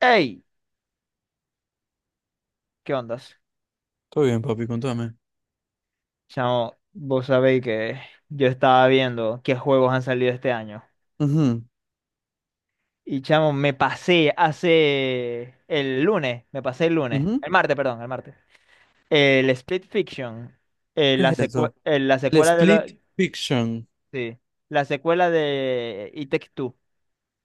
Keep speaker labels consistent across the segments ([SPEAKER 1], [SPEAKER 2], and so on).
[SPEAKER 1] Hey, ¿qué ondas?
[SPEAKER 2] Todo bien, papi, contame.
[SPEAKER 1] Chamo, vos sabéis que yo estaba viendo qué juegos han salido este año. Y chamo, me pasé hace el lunes, me pasé el lunes,
[SPEAKER 2] Ujú, ujú.
[SPEAKER 1] el martes, perdón, el martes. El Split Fiction,
[SPEAKER 2] ¿Qué es eso?
[SPEAKER 1] la
[SPEAKER 2] El
[SPEAKER 1] secuela de
[SPEAKER 2] Split Fiction.
[SPEAKER 1] sí, la secuela de It Takes Two.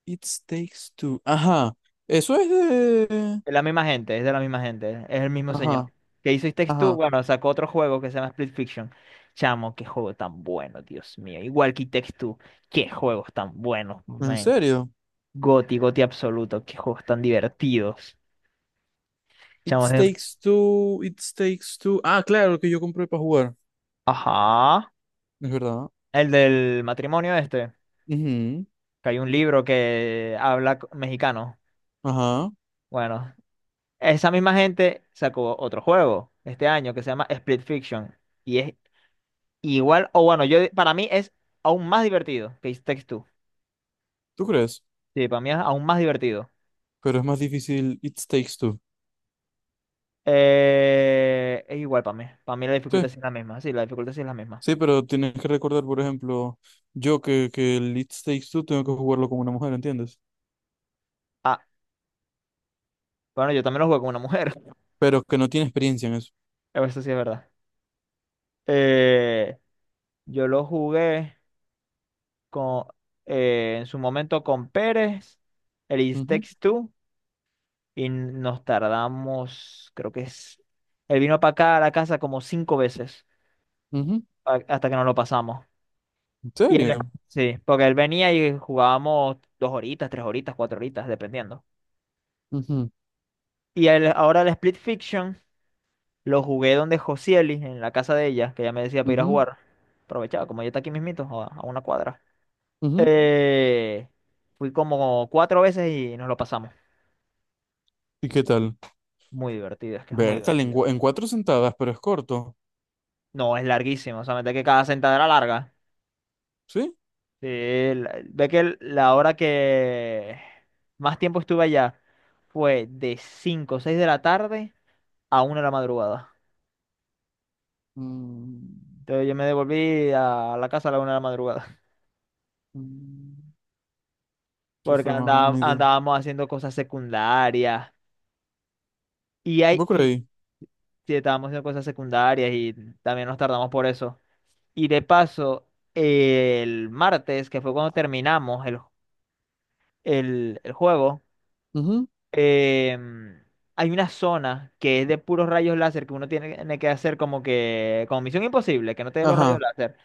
[SPEAKER 2] It Takes Two. Ajá. Eso es de.
[SPEAKER 1] Es la misma gente, es de la misma gente, es el mismo señor.
[SPEAKER 2] Ajá,
[SPEAKER 1] Que hizo It Takes Two,
[SPEAKER 2] ajá.
[SPEAKER 1] bueno, sacó otro juego que se llama Split Fiction. Chamo, qué juego tan bueno, Dios mío. Igual que It Takes Two, qué juegos tan buenos,
[SPEAKER 2] ¿En
[SPEAKER 1] man.
[SPEAKER 2] serio?
[SPEAKER 1] Goti, Goti absoluto, qué juegos tan divertidos.
[SPEAKER 2] It
[SPEAKER 1] Chamo, es de...
[SPEAKER 2] Takes Two, It Takes Two. Ah, claro, el que yo compré para jugar.
[SPEAKER 1] Ajá.
[SPEAKER 2] Es verdad.
[SPEAKER 1] El del matrimonio este,
[SPEAKER 2] Ujú,
[SPEAKER 1] que hay un libro que habla mexicano.
[SPEAKER 2] ajá.
[SPEAKER 1] Bueno, esa misma gente sacó otro juego este año que se llama Split Fiction. Y es Igual, o bueno, yo para mí es aún más divertido que It Takes Two.
[SPEAKER 2] ¿Tú crees?
[SPEAKER 1] Sí, para mí es aún más divertido.
[SPEAKER 2] Pero es más difícil It Takes Two.
[SPEAKER 1] Es igual para mí. Para mí la dificultad
[SPEAKER 2] Sí,
[SPEAKER 1] sí es la misma. Sí, la dificultad sí es la misma.
[SPEAKER 2] sí, pero tienes que recordar, por ejemplo, yo que el It Takes Two tengo que jugarlo como una mujer, ¿entiendes?
[SPEAKER 1] Ah, bueno, yo también lo jugué con una mujer.
[SPEAKER 2] Pero que no tiene experiencia en eso.
[SPEAKER 1] Eso sí es verdad. Eh, yo lo jugué con, en su momento con Pérez, el It
[SPEAKER 2] Ujú,
[SPEAKER 1] Takes Two, y nos tardamos, creo que es... Él vino para acá a la casa como cinco veces
[SPEAKER 2] ujú.
[SPEAKER 1] hasta que nos lo pasamos.
[SPEAKER 2] ¿En
[SPEAKER 1] Y él,
[SPEAKER 2] serio?
[SPEAKER 1] sí, porque él venía y jugábamos dos horitas, tres horitas, cuatro horitas, dependiendo.
[SPEAKER 2] Ujú,
[SPEAKER 1] Y el, ahora el Split Fiction lo jugué donde Josieli, en la casa de ella, que ella me decía para ir a
[SPEAKER 2] ujú,
[SPEAKER 1] jugar. Aprovechaba, como ella está aquí mismito, a una cuadra.
[SPEAKER 2] ujú.
[SPEAKER 1] Eh, fui como cuatro veces y nos lo pasamos.
[SPEAKER 2] ¿Y qué tal?
[SPEAKER 1] Muy divertido, es que es muy
[SPEAKER 2] Bertal,
[SPEAKER 1] divertido.
[SPEAKER 2] en cuatro sentadas, pero es corto.
[SPEAKER 1] No, es larguísimo, o sea, mete que cada sentada era larga.
[SPEAKER 2] ¿Sí?
[SPEAKER 1] Sí, ve que la hora que más tiempo estuve allá fue de 5 o 6 de la tarde a 1 de la madrugada.
[SPEAKER 2] Mm,
[SPEAKER 1] Entonces yo me devolví a la casa a la 1 de la madrugada,
[SPEAKER 2] mm, sí,
[SPEAKER 1] porque
[SPEAKER 2] fue más bonito.
[SPEAKER 1] andábamos haciendo cosas secundarias y, hay,
[SPEAKER 2] ¿Vos
[SPEAKER 1] y
[SPEAKER 2] creí?
[SPEAKER 1] sí, estábamos haciendo cosas secundarias y también nos tardamos por eso. Y de paso, el martes, que fue cuando terminamos el juego,
[SPEAKER 2] Ujú.
[SPEAKER 1] em, hay una zona que es de puros rayos láser que uno tiene que hacer como que, como misión imposible, que no te dé los rayos
[SPEAKER 2] Ajá.
[SPEAKER 1] láser.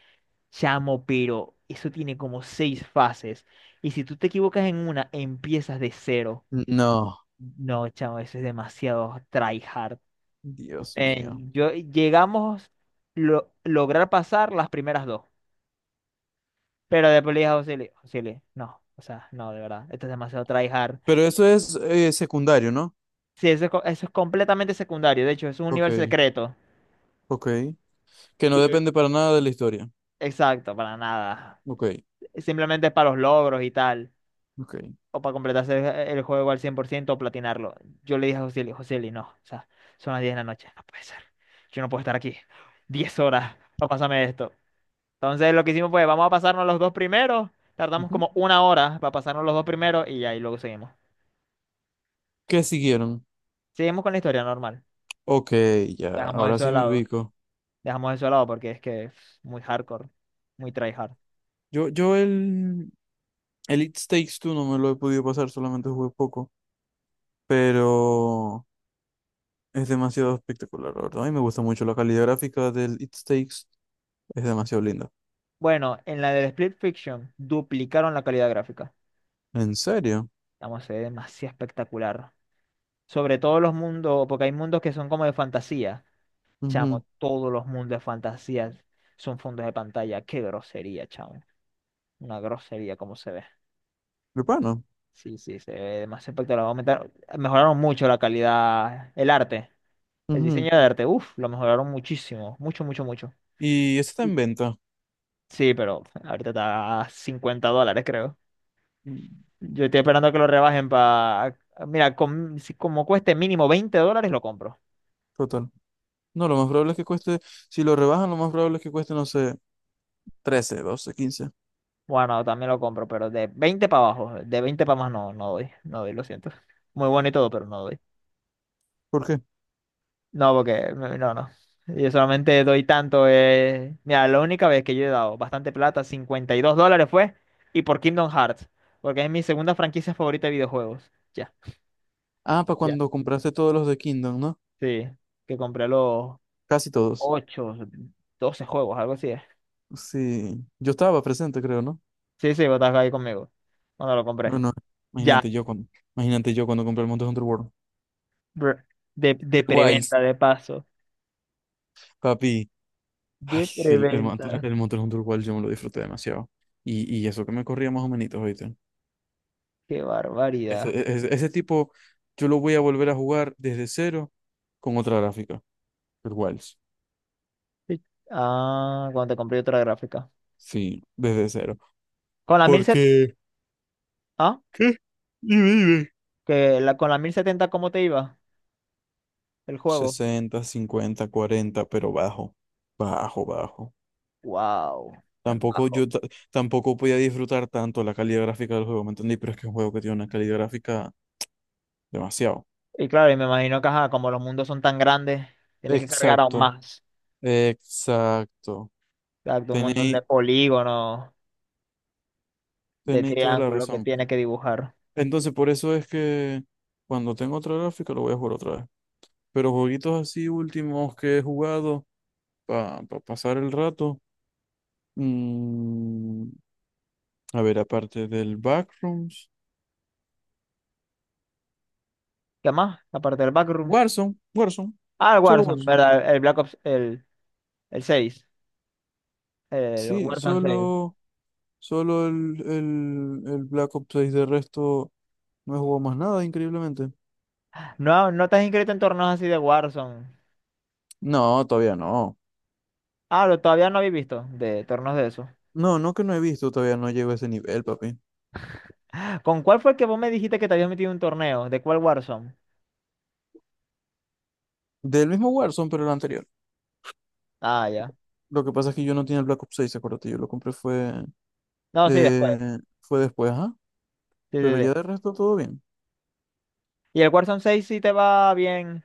[SPEAKER 1] Chamo, pero eso tiene como 6 fases. Y si tú te equivocas en una, empiezas de cero.
[SPEAKER 2] No.
[SPEAKER 1] No, chamo, eso es demasiado tryhard.
[SPEAKER 2] Dios mío.
[SPEAKER 1] Ven, yo llegamos lograr pasar las primeras dos. Pero después le dije a José, Luis, "José Luis, no, o sea, no, de verdad, esto es demasiado tryhard.
[SPEAKER 2] Pero eso es secundario, ¿no?
[SPEAKER 1] Sí, eso, eso es completamente secundario. De hecho, es un
[SPEAKER 2] Ok,
[SPEAKER 1] universo secreto.
[SPEAKER 2] ok. Que no
[SPEAKER 1] Y-
[SPEAKER 2] depende para nada de la historia.
[SPEAKER 1] Exacto, para nada.
[SPEAKER 2] Ok,
[SPEAKER 1] Simplemente es para los logros y tal.
[SPEAKER 2] ok.
[SPEAKER 1] O para completarse el juego al 100% o platinarlo. Yo le dije a Joseli, Joseli, no, o sea, son las 10 de la noche, no puede ser. Yo no puedo estar aquí 10 horas para pasarme esto. Entonces lo que hicimos fue, vamos a pasarnos los dos primeros, tardamos
[SPEAKER 2] Ujú.
[SPEAKER 1] como una hora para pasarnos los dos primeros y ahí luego seguimos.
[SPEAKER 2] ¿Qué siguieron?
[SPEAKER 1] Seguimos con la historia normal.
[SPEAKER 2] Ok, ya,
[SPEAKER 1] Dejamos
[SPEAKER 2] ahora
[SPEAKER 1] eso de
[SPEAKER 2] sí me
[SPEAKER 1] lado,
[SPEAKER 2] ubico.
[SPEAKER 1] dejamos eso de lado porque es que es muy hardcore, muy tryhard.
[SPEAKER 2] Yo el It Takes Two no me lo he podido pasar, solamente jugué poco. Pero. Es demasiado espectacular, la verdad. A mí me gusta mucho la calidad gráfica del It Takes. Es demasiado linda.
[SPEAKER 1] Bueno, en la del Split Fiction duplicaron la calidad gráfica.
[SPEAKER 2] ¿En serio?
[SPEAKER 1] Vamos, se ve demasiado espectacular. Sobre todos los mundos, porque hay mundos que son como de fantasía.
[SPEAKER 2] Ujú.
[SPEAKER 1] Chamo, todos los mundos de fantasía son fondos de pantalla. Qué grosería, chamo. Una grosería como se ve.
[SPEAKER 2] Urbano.
[SPEAKER 1] Sí, sí, se ve demasiado espectacular. Mejoraron mucho la calidad, el arte, el
[SPEAKER 2] Ujú.
[SPEAKER 1] diseño de arte. Uf, lo mejoraron muchísimo. Mucho, mucho, mucho.
[SPEAKER 2] Y ese está
[SPEAKER 1] Y-
[SPEAKER 2] en venta.
[SPEAKER 1] Sí, pero ahorita está a $50, creo.
[SPEAKER 2] Mm,
[SPEAKER 1] Yo estoy esperando que lo rebajen... para... Mira, si como cueste mínimo 20 dólares, lo compro.
[SPEAKER 2] total. No, lo más probable es que cueste, si lo rebajan, lo más probable es que cueste, no sé, 13, 12, 15
[SPEAKER 1] Bueno, también lo compro, pero de 20 para abajo, de 20 para más no, no doy, no doy, lo siento. Muy bueno y todo, pero no doy.
[SPEAKER 2] ¿Por qué?
[SPEAKER 1] No, porque no, no, no. Yo solamente doy tanto. Mira, la única vez que yo he dado bastante plata, $52 fue, y por Kingdom Hearts, porque es mi segunda franquicia favorita de videojuegos. Ya.
[SPEAKER 2] Ah, para
[SPEAKER 1] Ya.
[SPEAKER 2] cuando compraste todos los de Kingdom, ¿no?
[SPEAKER 1] Sí, que compré los
[SPEAKER 2] Casi todos.
[SPEAKER 1] 8 12 juegos, algo así. Es.
[SPEAKER 2] Sí. Yo estaba presente, creo, ¿no?
[SPEAKER 1] Sí, sí, vos estás ahí conmigo. Cuando lo
[SPEAKER 2] Yo
[SPEAKER 1] compré.
[SPEAKER 2] no.
[SPEAKER 1] Ya,
[SPEAKER 2] Imagínate yo cuando, imagínate yo cuando compré el Monster Hunter World.
[SPEAKER 1] br- de
[SPEAKER 2] Wilds,
[SPEAKER 1] preventa, de paso.
[SPEAKER 2] papi. Ay,
[SPEAKER 1] De preventa.
[SPEAKER 2] el Monster Hunter World yo me lo disfruté demasiado. Y eso que me corría más o menos, ¿oíste?
[SPEAKER 1] Qué barbaridad.
[SPEAKER 2] Ese tipo, yo lo voy a volver a jugar desde cero con otra gráfica. El Wilds.
[SPEAKER 1] Sí. Ah, cuando te compré otra gráfica.
[SPEAKER 2] Sí, desde cero.
[SPEAKER 1] Con la 1070,
[SPEAKER 2] Porque,
[SPEAKER 1] ah,
[SPEAKER 2] ¿Qué? Dime, dime.
[SPEAKER 1] que con la mil setenta, ¿cómo te iba el juego?
[SPEAKER 2] 60, 50, 40, pero bajo. Bajo, bajo.
[SPEAKER 1] Wow, tan
[SPEAKER 2] Tampoco
[SPEAKER 1] bajo.
[SPEAKER 2] yo ta- Tampoco podía disfrutar tanto la calidad gráfica del juego, ¿me entendí? Pero es que es un juego que tiene una calidad gráfica demasiado.
[SPEAKER 1] Y claro, y me imagino que ajá, como los mundos son tan grandes, tienes que cargar aún
[SPEAKER 2] Exacto,
[SPEAKER 1] más.
[SPEAKER 2] exacto.
[SPEAKER 1] Exacto, un montón
[SPEAKER 2] Tenéis,
[SPEAKER 1] de polígonos, de
[SPEAKER 2] tenéis toda la
[SPEAKER 1] triángulos que
[SPEAKER 2] razón.
[SPEAKER 1] tienes que dibujar.
[SPEAKER 2] Entonces, por eso es que cuando tengo otra gráfica lo voy a jugar otra vez. Pero jueguitos así últimos que he jugado para pasar el rato. mm, a ver, aparte del Backrooms.
[SPEAKER 1] ¿Qué más? Aparte del Backrooms.
[SPEAKER 2] Warzone, Warzone,
[SPEAKER 1] Ah, el
[SPEAKER 2] solo
[SPEAKER 1] Warzone,
[SPEAKER 2] Warzone.
[SPEAKER 1] ¿verdad? El Black Ops, el 6, el
[SPEAKER 2] Sí,
[SPEAKER 1] Warzone seis.
[SPEAKER 2] solo el Black Ops 6. De resto, no he jugado más nada, increíblemente.
[SPEAKER 1] No, no te has inscrito en torneos así de Warzone.
[SPEAKER 2] No, todavía no.
[SPEAKER 1] Ah, lo, todavía no habéis visto de torneos de eso.
[SPEAKER 2] No, no que no he visto, todavía no llego a ese nivel, papi.
[SPEAKER 1] ¿Con cuál fue que vos me dijiste que te habías metido en un torneo? ¿De cuál Warzone?
[SPEAKER 2] Del mismo Warzone, pero el anterior.
[SPEAKER 1] Ah, ya.
[SPEAKER 2] Lo que pasa es que yo no tenía el Black Ops 6, acuérdate, yo lo compré fue,
[SPEAKER 1] No, sí, después.
[SPEAKER 2] fue después, ajá.
[SPEAKER 1] Sí, sí,
[SPEAKER 2] Pero ya
[SPEAKER 1] sí.
[SPEAKER 2] de resto todo bien.
[SPEAKER 1] Y el Warzone seis sí te va bien.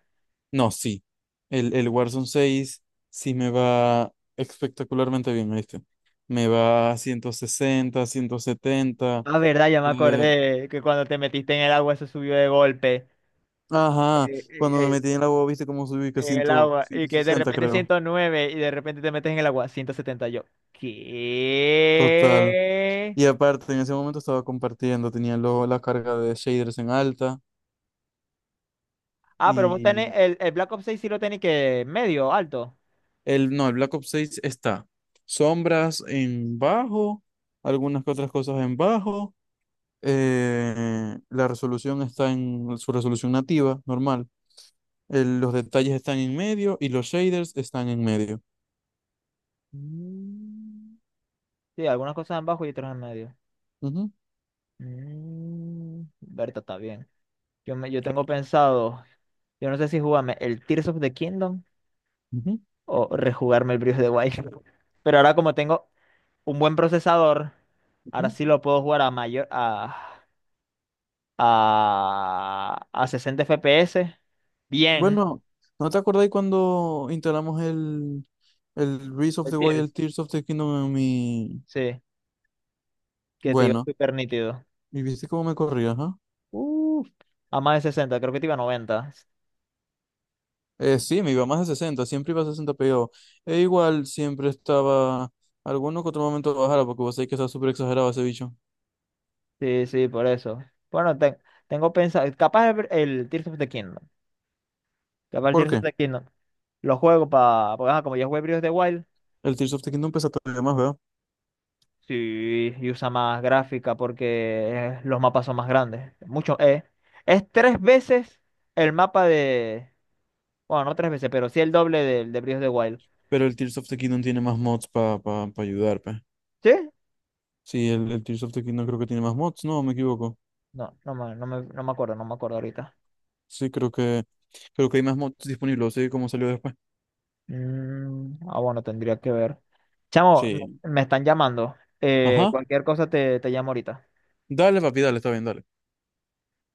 [SPEAKER 2] No, sí. El Warzone 6 sí me va espectacularmente bien, ¿viste? Me va a 160, 170.
[SPEAKER 1] Ah, verdad, ya me
[SPEAKER 2] eh,
[SPEAKER 1] acordé que cuando te metiste en el agua se subió de golpe.
[SPEAKER 2] ajá,
[SPEAKER 1] Eh,
[SPEAKER 2] cuando me
[SPEAKER 1] eh,
[SPEAKER 2] metí en la boba, ¿viste cómo subí? Que
[SPEAKER 1] en
[SPEAKER 2] 100,
[SPEAKER 1] el agua. Y
[SPEAKER 2] ciento
[SPEAKER 1] que de
[SPEAKER 2] sesenta
[SPEAKER 1] repente
[SPEAKER 2] creo.
[SPEAKER 1] 109 y de repente te metes en el agua 170 yo.
[SPEAKER 2] Total.
[SPEAKER 1] ¿Qué?
[SPEAKER 2] Y aparte, en ese momento estaba compartiendo, tenía luego la carga de shaders en alta.
[SPEAKER 1] Ah, pero vos tenés
[SPEAKER 2] Y
[SPEAKER 1] el Black Ops seis sí lo tenés que medio, alto.
[SPEAKER 2] el, no, el Black Ops 6 está. Sombras en bajo, algunas que otras cosas en bajo. La resolución está en su resolución nativa, normal. Los detalles están en medio y los shaders están en medio.
[SPEAKER 1] Mm. Sí, algunas cosas en bajo y otras en medio.
[SPEAKER 2] Ujú,
[SPEAKER 1] Mm. Berta está bien. Yo tengo pensado, yo no sé si jugarme el Tears of the Kingdom
[SPEAKER 2] ujú,
[SPEAKER 1] o rejugarme el Breath of the Wild. Pero ahora como tengo un buen procesador, ahora
[SPEAKER 2] ujú.
[SPEAKER 1] sí lo puedo jugar a a 60 FPS. Bien.
[SPEAKER 2] Bueno, ¿no te acordáis cuando instalamos el Breath of
[SPEAKER 1] El
[SPEAKER 2] the
[SPEAKER 1] Tears.
[SPEAKER 2] Wild Tears of the Kingdom en mi...
[SPEAKER 1] Sí, que te iba
[SPEAKER 2] Bueno,
[SPEAKER 1] súper nítido.
[SPEAKER 2] ¿y viste cómo me corría, ajá?
[SPEAKER 1] Uf, a más de 60 creo que te iba a 90.
[SPEAKER 2] Sí, me iba más de 60, siempre iba a 60 PO. E igual siempre estaba alguno que otro momento bajara, porque vos sabés que está súper exagerado ese bicho.
[SPEAKER 1] Sí, sí, por eso. Bueno, tengo pensado, capaz el Tears of the Kingdom. Capaz el
[SPEAKER 2] ¿Por
[SPEAKER 1] Tears of
[SPEAKER 2] qué?
[SPEAKER 1] the Kingdom. Lo juego para, porque ajá, como ya jugué Breath of the Wild.
[SPEAKER 2] El Tears of the Kingdom pesa todavía más, ¿verdad?
[SPEAKER 1] Sí, y usa más gráfica porque los mapas son más grandes. Mucho, es tres veces el mapa de. Bueno, no tres veces, pero sí el doble del de Breath of the Wild.
[SPEAKER 2] Pero el Tears of the Kingdom tiene más mods para pa, pa pa ayudar, pues.
[SPEAKER 1] ¿Sí?
[SPEAKER 2] Sí, el Tears of the Kingdom creo que tiene más mods, no, me equivoco.
[SPEAKER 1] No, no me acuerdo, no me acuerdo ahorita.
[SPEAKER 2] Sí, creo que hay más mods disponibles, sí, como salió después.
[SPEAKER 1] Mm, ah, bueno, tendría que ver. Chamo, me,
[SPEAKER 2] Sí.
[SPEAKER 1] me están llamando.
[SPEAKER 2] Ajá.
[SPEAKER 1] Cualquier cosa te llamo ahorita.
[SPEAKER 2] Dale, papi, dale, está bien, dale.